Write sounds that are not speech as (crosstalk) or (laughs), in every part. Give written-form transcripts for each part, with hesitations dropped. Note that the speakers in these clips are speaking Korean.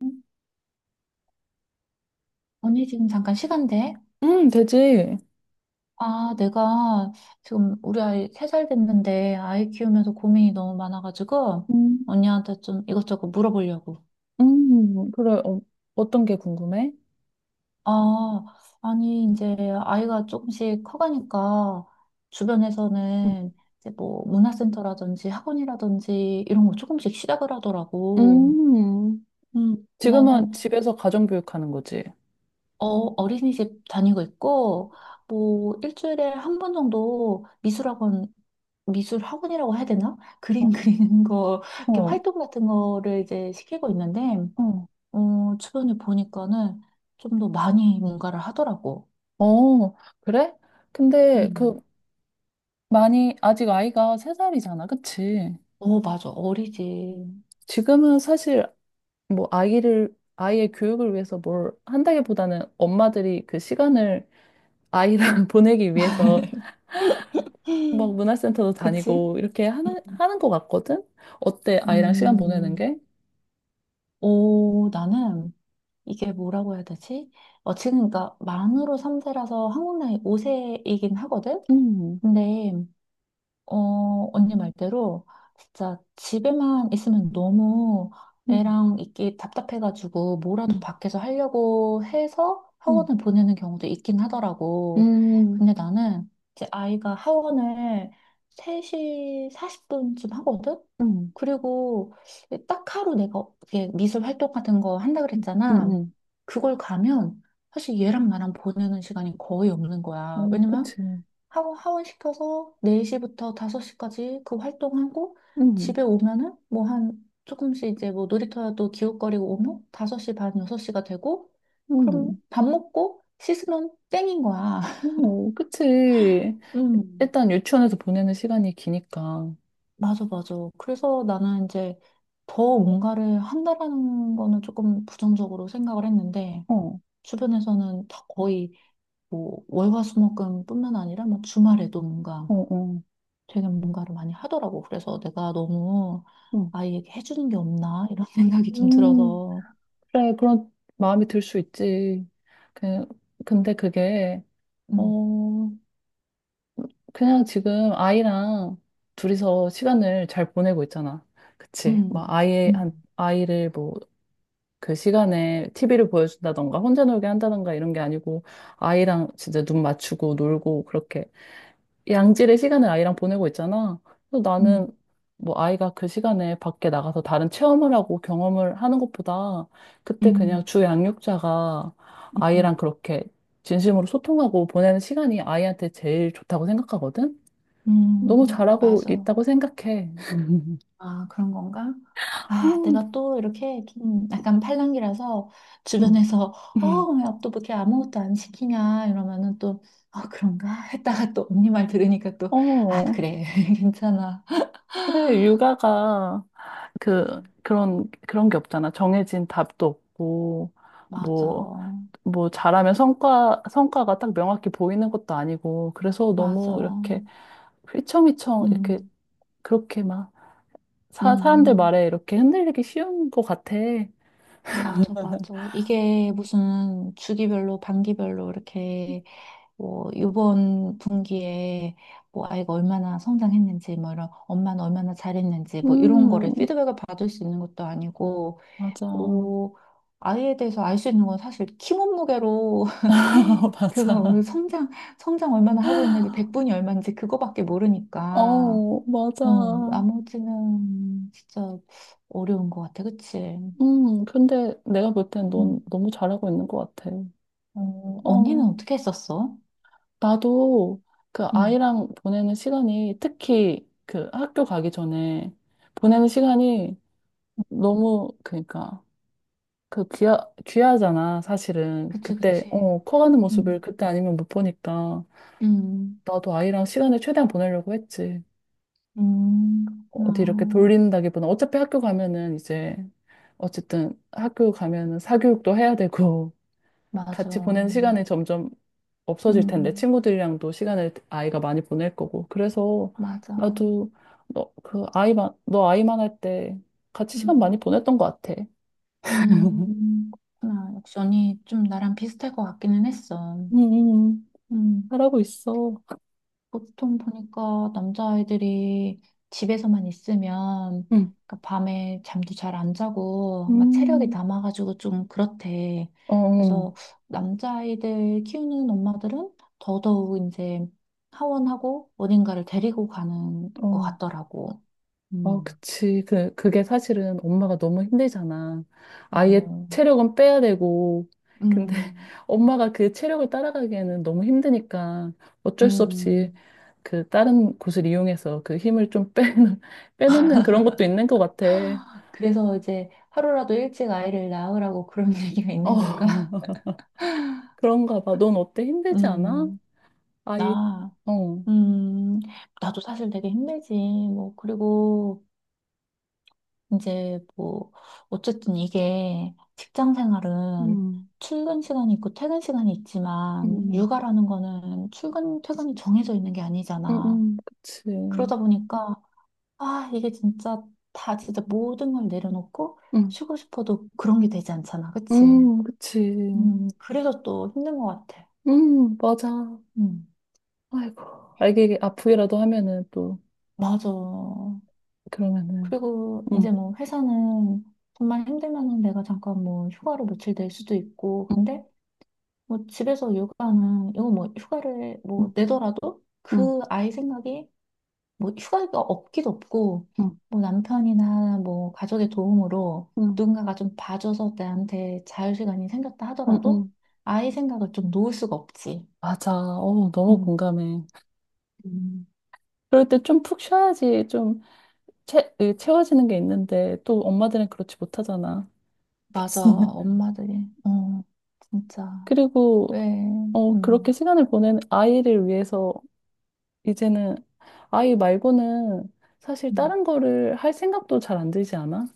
응? 언니 지금 잠깐 시간 돼? 되지. 아, 내가 지금 우리 아이 3살 됐는데 아이 키우면서 고민이 너무 많아가지고 음, 언니한테 좀 이것저것 물어보려고. 그래. 어, 어떤 게 궁금해? 아, 아니 이제 아이가 조금씩 커가니까 음, 주변에서는 이제 뭐 문화센터라든지 학원이라든지 이런 거 조금씩 시작을 하더라고. 음. 근데 지금은 나는 집에서 가정교육하는 거지. 어, 어린이집 다니고 있고 뭐 일주일에 한 번 정도 미술학원 미술 학원이라고 해야 되나? 그림 (laughs) 그리는 거, 이렇게 어, 활동 같은 거를 이제 시키고 있는데, 어, 어, 주변에 보니까는 좀 더 많이 뭔가를 하더라고. 어, 그래? 근데 그 음. 많이 아직 아이가 세 살이잖아, 그치? 어, 맞아. 어리지. 지금은 사실 뭐 아이를 아이의 교육을 위해서 뭘 한다기보다는 엄마들이 그 시간을 아이랑 (laughs) 보내기 위해서 막 (gasps) 문화센터도 (laughs) 그치? 다니고 이렇게 하는 것 같거든? 어때? 아이랑 시간 보내는 음, 게? 오, 나는 이게 뭐라고 해야 되지? 어, 지금 그러니까 만으로 3세라서 한국 나이 5세이긴 하거든? 근데 어, 언니 말대로 진짜 집에만 있으면 너무 응, 애랑 있기 답답해가지고 응, 뭐라도 밖에서 하려고 해서 응, 학원을 보내는 경우도 있긴 하더라고. 음, 근데 나는 이제 아이가 학원을 3시 40분쯤 하거든? 응, 그리고 딱 하루 내가 이게 미술 활동 같은 거 한다 응, 그랬잖아. 응, 그걸 가면 사실 얘랑 나랑 보내는 시간이 거의 없는 거야. 어, 왜냐면 그치. 하고 하원시켜서 4시부터 5시까지 그 활동하고 응, 집에 오면은 뭐 한 조금씩 이제 뭐 놀이터라도 기웃거리고 오면 5시 반, 6시가 되고 그럼 응, 밥 먹고 씻으면 땡인 거야. (laughs) 어, 그치. 음, 일단 유치원에서 보내는 시간이 기니까. 어, 맞아, 맞아. 그래서 나는 이제 더 뭔가를 한다라는 거는 조금 부정적으로 생각을 했는데 어, 주변에서는 다 거의 뭐 월화수목금뿐만 아니라 뭐 주말에도 뭔가 어. 되게 뭔가를 많이 하더라고. 그래서 내가 너무 응, 아이에게 해주는 게 없나 이런 (laughs) 응, 생각이 좀 응, 들어서. 그래, 그런 마음이 들 수 있지. 그, 근데 그게, 음, 어, 그냥 지금 아이랑 둘이서 시간을 잘 보내고 있잖아. 그치. 막 음, 아이, 음, 한, 아이를 뭐 그 시간에 티비를 보여준다던가 혼자 놀게 한다던가 이런 게 아니고 아이랑 진짜 눈 맞추고 놀고 그렇게 양질의 시간을 아이랑 보내고 있잖아. 그래서 나는 음, 뭐 아이가 그 시간에 밖에 나가서 다른 체험을 하고 경험을 하는 것보다 그때 그냥 음, 주 양육자가 음, 아이랑 그렇게 진심으로 소통하고 보내는 시간이 아이한테 제일 좋다고 생각하거든. 음, 너무 잘하고 맞아. 있다고 생각해. (laughs) 아, 그런 건가? 아, 어, 내가 또 이렇게 좀 약간 팔랑귀라서 주변에서 (laughs) 어, 응. 왜 또 그렇게 아무것도 안 시키냐 이러면은 또 아, 그런가? (laughs) 했다가 또 언니 말 들으니까 또 아, 어, 그래. (laughs) 괜찮아. 그래, 육아가 그, 그런, 그런 게 없잖아. 정해진 답도 없고, 맞아. 뭐, 뭐, 잘하면 성과가 딱 명확히 보이는 것도 아니고, 그래서 맞아. 너무 이렇게 휘청휘청, 이렇게, 음, 그렇게 막, 사람들 음. 말에 이렇게 흔들리기 쉬운 것 같아. 맞아, 맞아. 이게 무슨 주기별로, 반기별로 이렇게 뭐 이번 분기에 뭐 아이가 얼마나 성장했는지, 뭐 이런 엄마는 얼마나 잘했는지, 뭐 이런 거를 음, 피드백을 받을 수 있는 것도 아니고, 맞아. 뭐 아이에 대해서 알 수 있는 건 사실 키 몸무게로 (laughs) (laughs) 맞아. 그거 성장 얼마나 하고 있는지 백분이 얼마인지 그거밖에 모르니까 어, 맞아. 어 나머지는 진짜 어려운 것 같아 그치? 근데 내가 볼 땐 넌 응. 너무 잘하고 있는 것 같아. 어, 언니는 어. 어떻게 했었어? 나도 그 응, 아이랑 보내는 시간이 특히 그 학교 가기 전에 보내는 시간이 너무 그러니까 그 귀하잖아, 사실은. 그치, 그때, 그치. 어, 커가는 모습을 응 그때 아니면 못 보니까 응 나도 아이랑 시간을 최대한 보내려고 했지. 응 어디 이렇게 그렇구나. 돌린다기보다 어차피 학교 가면은 이제 어쨌든 학교 가면은 사교육도 해야 되고 맞아. 같이 보낸 시간이 점점 없어질 텐데 응 친구들이랑도 시간을 아이가 많이 보낼 거고 그래서 맞아. 나도 너 그 아이만 할 때 같이 시간 응, 많이 보냈던 것 같아. (laughs) 응 그렇구나. 역시 언니 좀 나랑 비슷할 것 같기는 했어. 음, 음, 응 잘하고 있어. 보통 보니까 남자아이들이 집에서만 있으면 음, 그러니까 밤에 잠도 잘 안 자고 막 체력이 음, 남아가지고 좀 그렇대. 어, 그래서 남자아이들 키우는 엄마들은 더더욱 이제 하원하고 어딘가를 데리고 가는 것 어, 같더라고. 어, 음, 그치. 그, 그게 사실은 엄마가 너무 힘들잖아. 아이의 어, 체력은 빼야 되고. 근데 (laughs) 음, 엄마가 그 체력을 따라가기에는 너무 힘드니까 어쩔 수 없이 음. 그 다른 곳을 이용해서 그 힘을 좀 빼놓, (laughs) 빼놓는 그런 것도 있는 것 같아. 그래서 이제 하루라도 일찍 아이를 낳으라고 그런 (laughs) 얘기가 있는 어, 건가? (laughs) 그런가 봐. 넌 어때? 힘들지 않아? 음, 아이, 나. 어, 음, 나도 사실 되게 힘들지. 뭐, 그리고 이제 뭐, 어쨌든 이게 직장 생활은 음, 출근 시간이 있고 퇴근 시간이 음, 있지만, 음, 육아라는 거는 출근, 퇴근이 정해져 있는 게 아니잖아. 그치. 그러다 보니까, 아, 이게 진짜 다 진짜 모든 걸 내려놓고 음, 쉬고 싶어도 그런 게 되지 않잖아. 그치? 그치. 그래서 또 힘든 것 같아. 맞아. 음, 아이고, 알게 아프기라도 하면은 또, 맞아. 그러면은, 그리고 이제 음, 뭐 회사는 정말 힘들면은 내가 잠깐 뭐 휴가로 며칠 낼 수도 있고, 음, 근데 뭐 집에서 육아는 이거 뭐 휴가를 뭐 음, 내더라도 음, 그 아이 생각이 뭐 휴가가 없기도 없고, 음, 뭐 남편이나 뭐 가족의 도움으로 음, 누군가가 좀 봐줘서 나한테 자유시간이 생겼다 하더라도 음. 아이 생각을 좀 놓을 수가 없지. 맞아. 어, 너무 음. 공감해. 음. 그럴 때 좀 푹 쉬어야지. 좀 이 채워지는 게 있는데 또 엄마들은 그렇지 못하잖아. 맞아, (laughs) 엄마들이. 어, 진짜. 그리고 왜, 어, 그렇게 음. 시간을 보내는 아이를 위해서 이제는 아이 말고는 사실 음. 다른 거를 할 생각도 잘 안 들지 않아?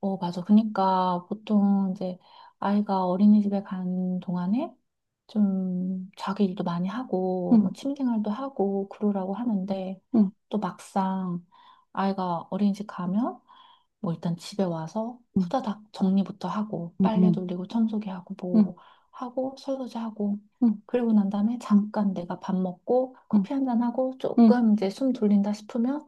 어, 맞아. 그러니까 보통 이제 아이가 어린이집에 간 동안에 좀 자기 일도 많이 하고 뭐 응, 취미생활도 하고 그러라고 하는데 응, 또 막상 아이가 어린이집 가면 뭐 일단 집에 와서 응, 후다닥 정리부터 하고 응, 빨래 응, 돌리고 청소기 하고 응, 뭐 하고 설거지 하고 그리고 난 다음에 잠깐 내가 밥 먹고 응, 커피 한잔 하고 응, 조금 이제 숨 돌린다 싶으면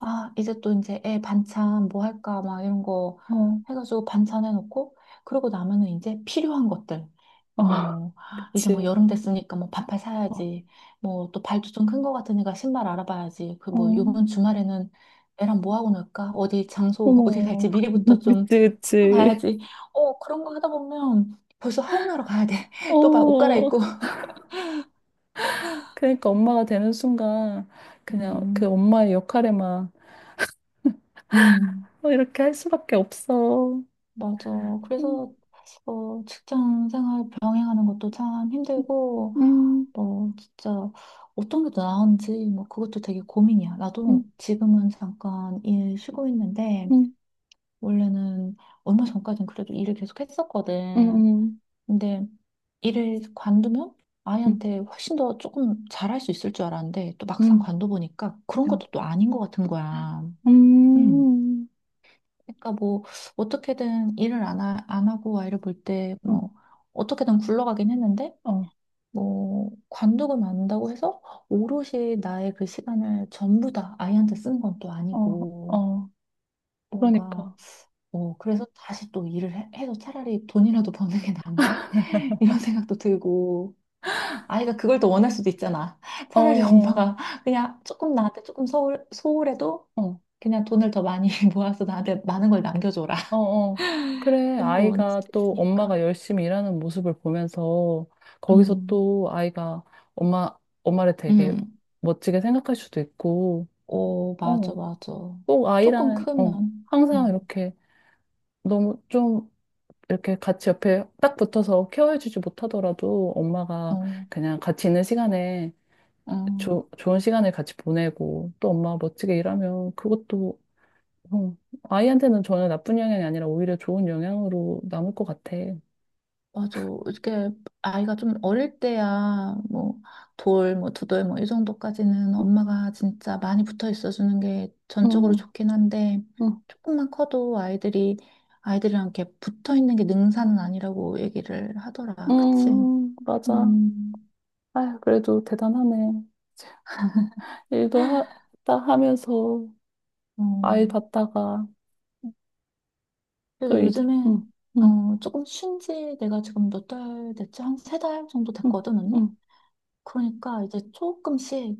아, 이제 또 애 반찬 뭐 할까 막 이런 거 응, 해가지고 반찬 해놓고 그러고 나면은 이제 필요한 것들 어, 어, 뭐 (laughs) 이제 그치. 여름 됐으니까 뭐 반팔 어, 사야지 뭐 또 발도 좀 큰 거 같으니까 신발 알아봐야지 그 어, 뭐 요번 주말에는 애랑 뭐 하고 놀까 어디 장소 (laughs) 어디 갈지 어머. 미리부터 (laughs) 그치, 좀 그치. 찾아놔야지 어 그런 거 하다 보면 벌써 하원하러 가야 돼 (laughs) 또 막 옷 어, 갈아입고 그러니까 엄마가 되는 순간 그냥 그 음 엄마의 역할에만 음. 어, 이렇게 할 수밖에 없어. 맞아. 음, 그래서 어, 직장 생활 병행하는 것도 참 힘들고, 음, 뭐 진짜 어떤 게 더 나은지 뭐 그것도 되게 고민이야. 음, 나도 지금은 잠깐 일 쉬고 있는데 음, 원래는 얼마 전까진 그래도 일을 계속 했었거든. 음, 근데 일을 관두면 음, 아이한테 훨씬 더 조금 잘할 수 있을 줄 알았는데 또 막상 음, 관둬보니까 그런 음, 어, 것도 또 아닌 것 같은 거야. 음. 음, 그러니까 뭐 어떻게든 일을 안 하고 아이를 볼 때 어, 뭐 어떻게든 굴러가긴 했는데 어, 뭐 관두고 만다고 해서 오롯이 나의 그 시간을 전부 다 아이한테 쓴 건 또 어, 아니고 어. 뭔가 그러니까. 어 그래서 다시 또 일을 해서 차라리 돈이라도 버는 게 나은가? (laughs) 이런 생각도 들고 아이가 그걸 더 원할 수도 있잖아. 어, 차라리 (laughs) 어, 엄마가 그냥 조금 나한테 조금 소홀해도 어, 그냥 돈을 더 많이 (laughs) 모아서 나한테 많은 걸 남겨줘라. 어. 어. 그래, 그런 거 원할 아이가 수도 또 있으니까. 엄마가 열심히 일하는 모습을 보면서 거기서 음, 또 아이가 엄마, 엄마를 되게 음, 멋지게 생각할 수도 있고, 오, 맞아, 어, 맞아. 꼭 조금 아이랑, 어, 크면, 항상 이렇게 너무 좀 이렇게 같이 옆에 딱 붙어서 케어해주지 못하더라도 엄마가 어, 그냥 같이 있는 시간에 어, 어, 좋은 시간을 같이 보내고 또 엄마가 멋지게 일하면 그것도 어, 아이한테는 전혀 나쁜 영향이 아니라 오히려 좋은 영향으로 남을 것 같아. 맞아. 이렇게 아이가 좀 어릴 때야, 뭐, 돌, 뭐, 두돌, 뭐, 이 정도까지는 엄마가 진짜 많이 붙어 있어주는 게 응 전적으로 좋긴 한데, 응 조금만 커도 아이들이랑 이렇게 붙어 있는 게 능사는 아니라고 얘기를 하더라. 그치? 응, 맞아. 음, 아휴, 그래도 대단하네. 일도 했다 하면서 어. 아이 봤다가 또 그래서 이제, 요즘에 응응 어, 조금 쉰지 내가 지금 몇 달 됐지? 한 3달 정도 응 됐거든, 응 언니? 그러니까 이제 조금씩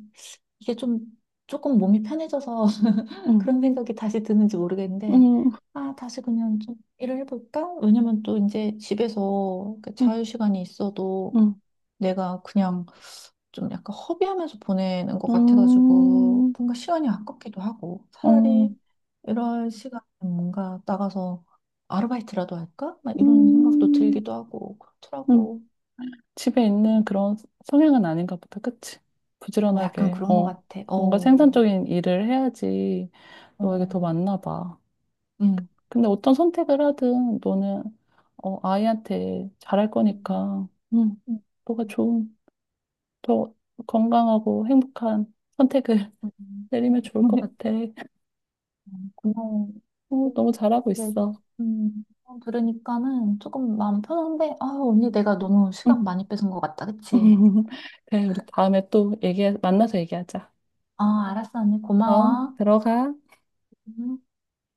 이게 좀 조금 몸이 편해져서 (laughs) 응 그런 생각이 다시 드는지 모르겠는데 응 아, 다시 그냥 좀 일을 해볼까? 왜냐면 또 이제 집에서 그 응 자유 시간이 있어도 응 내가 그냥 좀 약간 허비하면서 보내는 것 같아가지고 응 뭔가 시간이 아깝기도 하고 차라리 응 이런 시간에 뭔가 나가서 아르바이트라도 할까? 막 이런 생각도 음, 들기도 하고 음, 그렇더라고. 집에 있는 음. 그런 성향은 아닌가 보다. 그치? 어, 약간 부지런하게, 그런 것 어, 같아. 뭔가 어, 생산적인 일을 해야지 너에게 더 어, 맞나 봐. 음, 근데 어떤 선택을 하든 너는, 어, 아이한테 잘할 음, 거니까, 음, 너가 좋은, 더 건강하고 행복한 선택을 (laughs) 음. 내리면 좋을 것 (laughs) 같아. 고마워. 어, 음, 너무 잘하고 네, 있어. 어, 들으니까는 조금 마음 편한데, 아, 언니 내가 너무 응. 시간 많이 뺏은 것 같다, 그치? (laughs) 그래, 우리 다음에 또 얘기, 만나서 얘기하자. 아, 알았어, 언니 어, 고마워. 들어가. 음.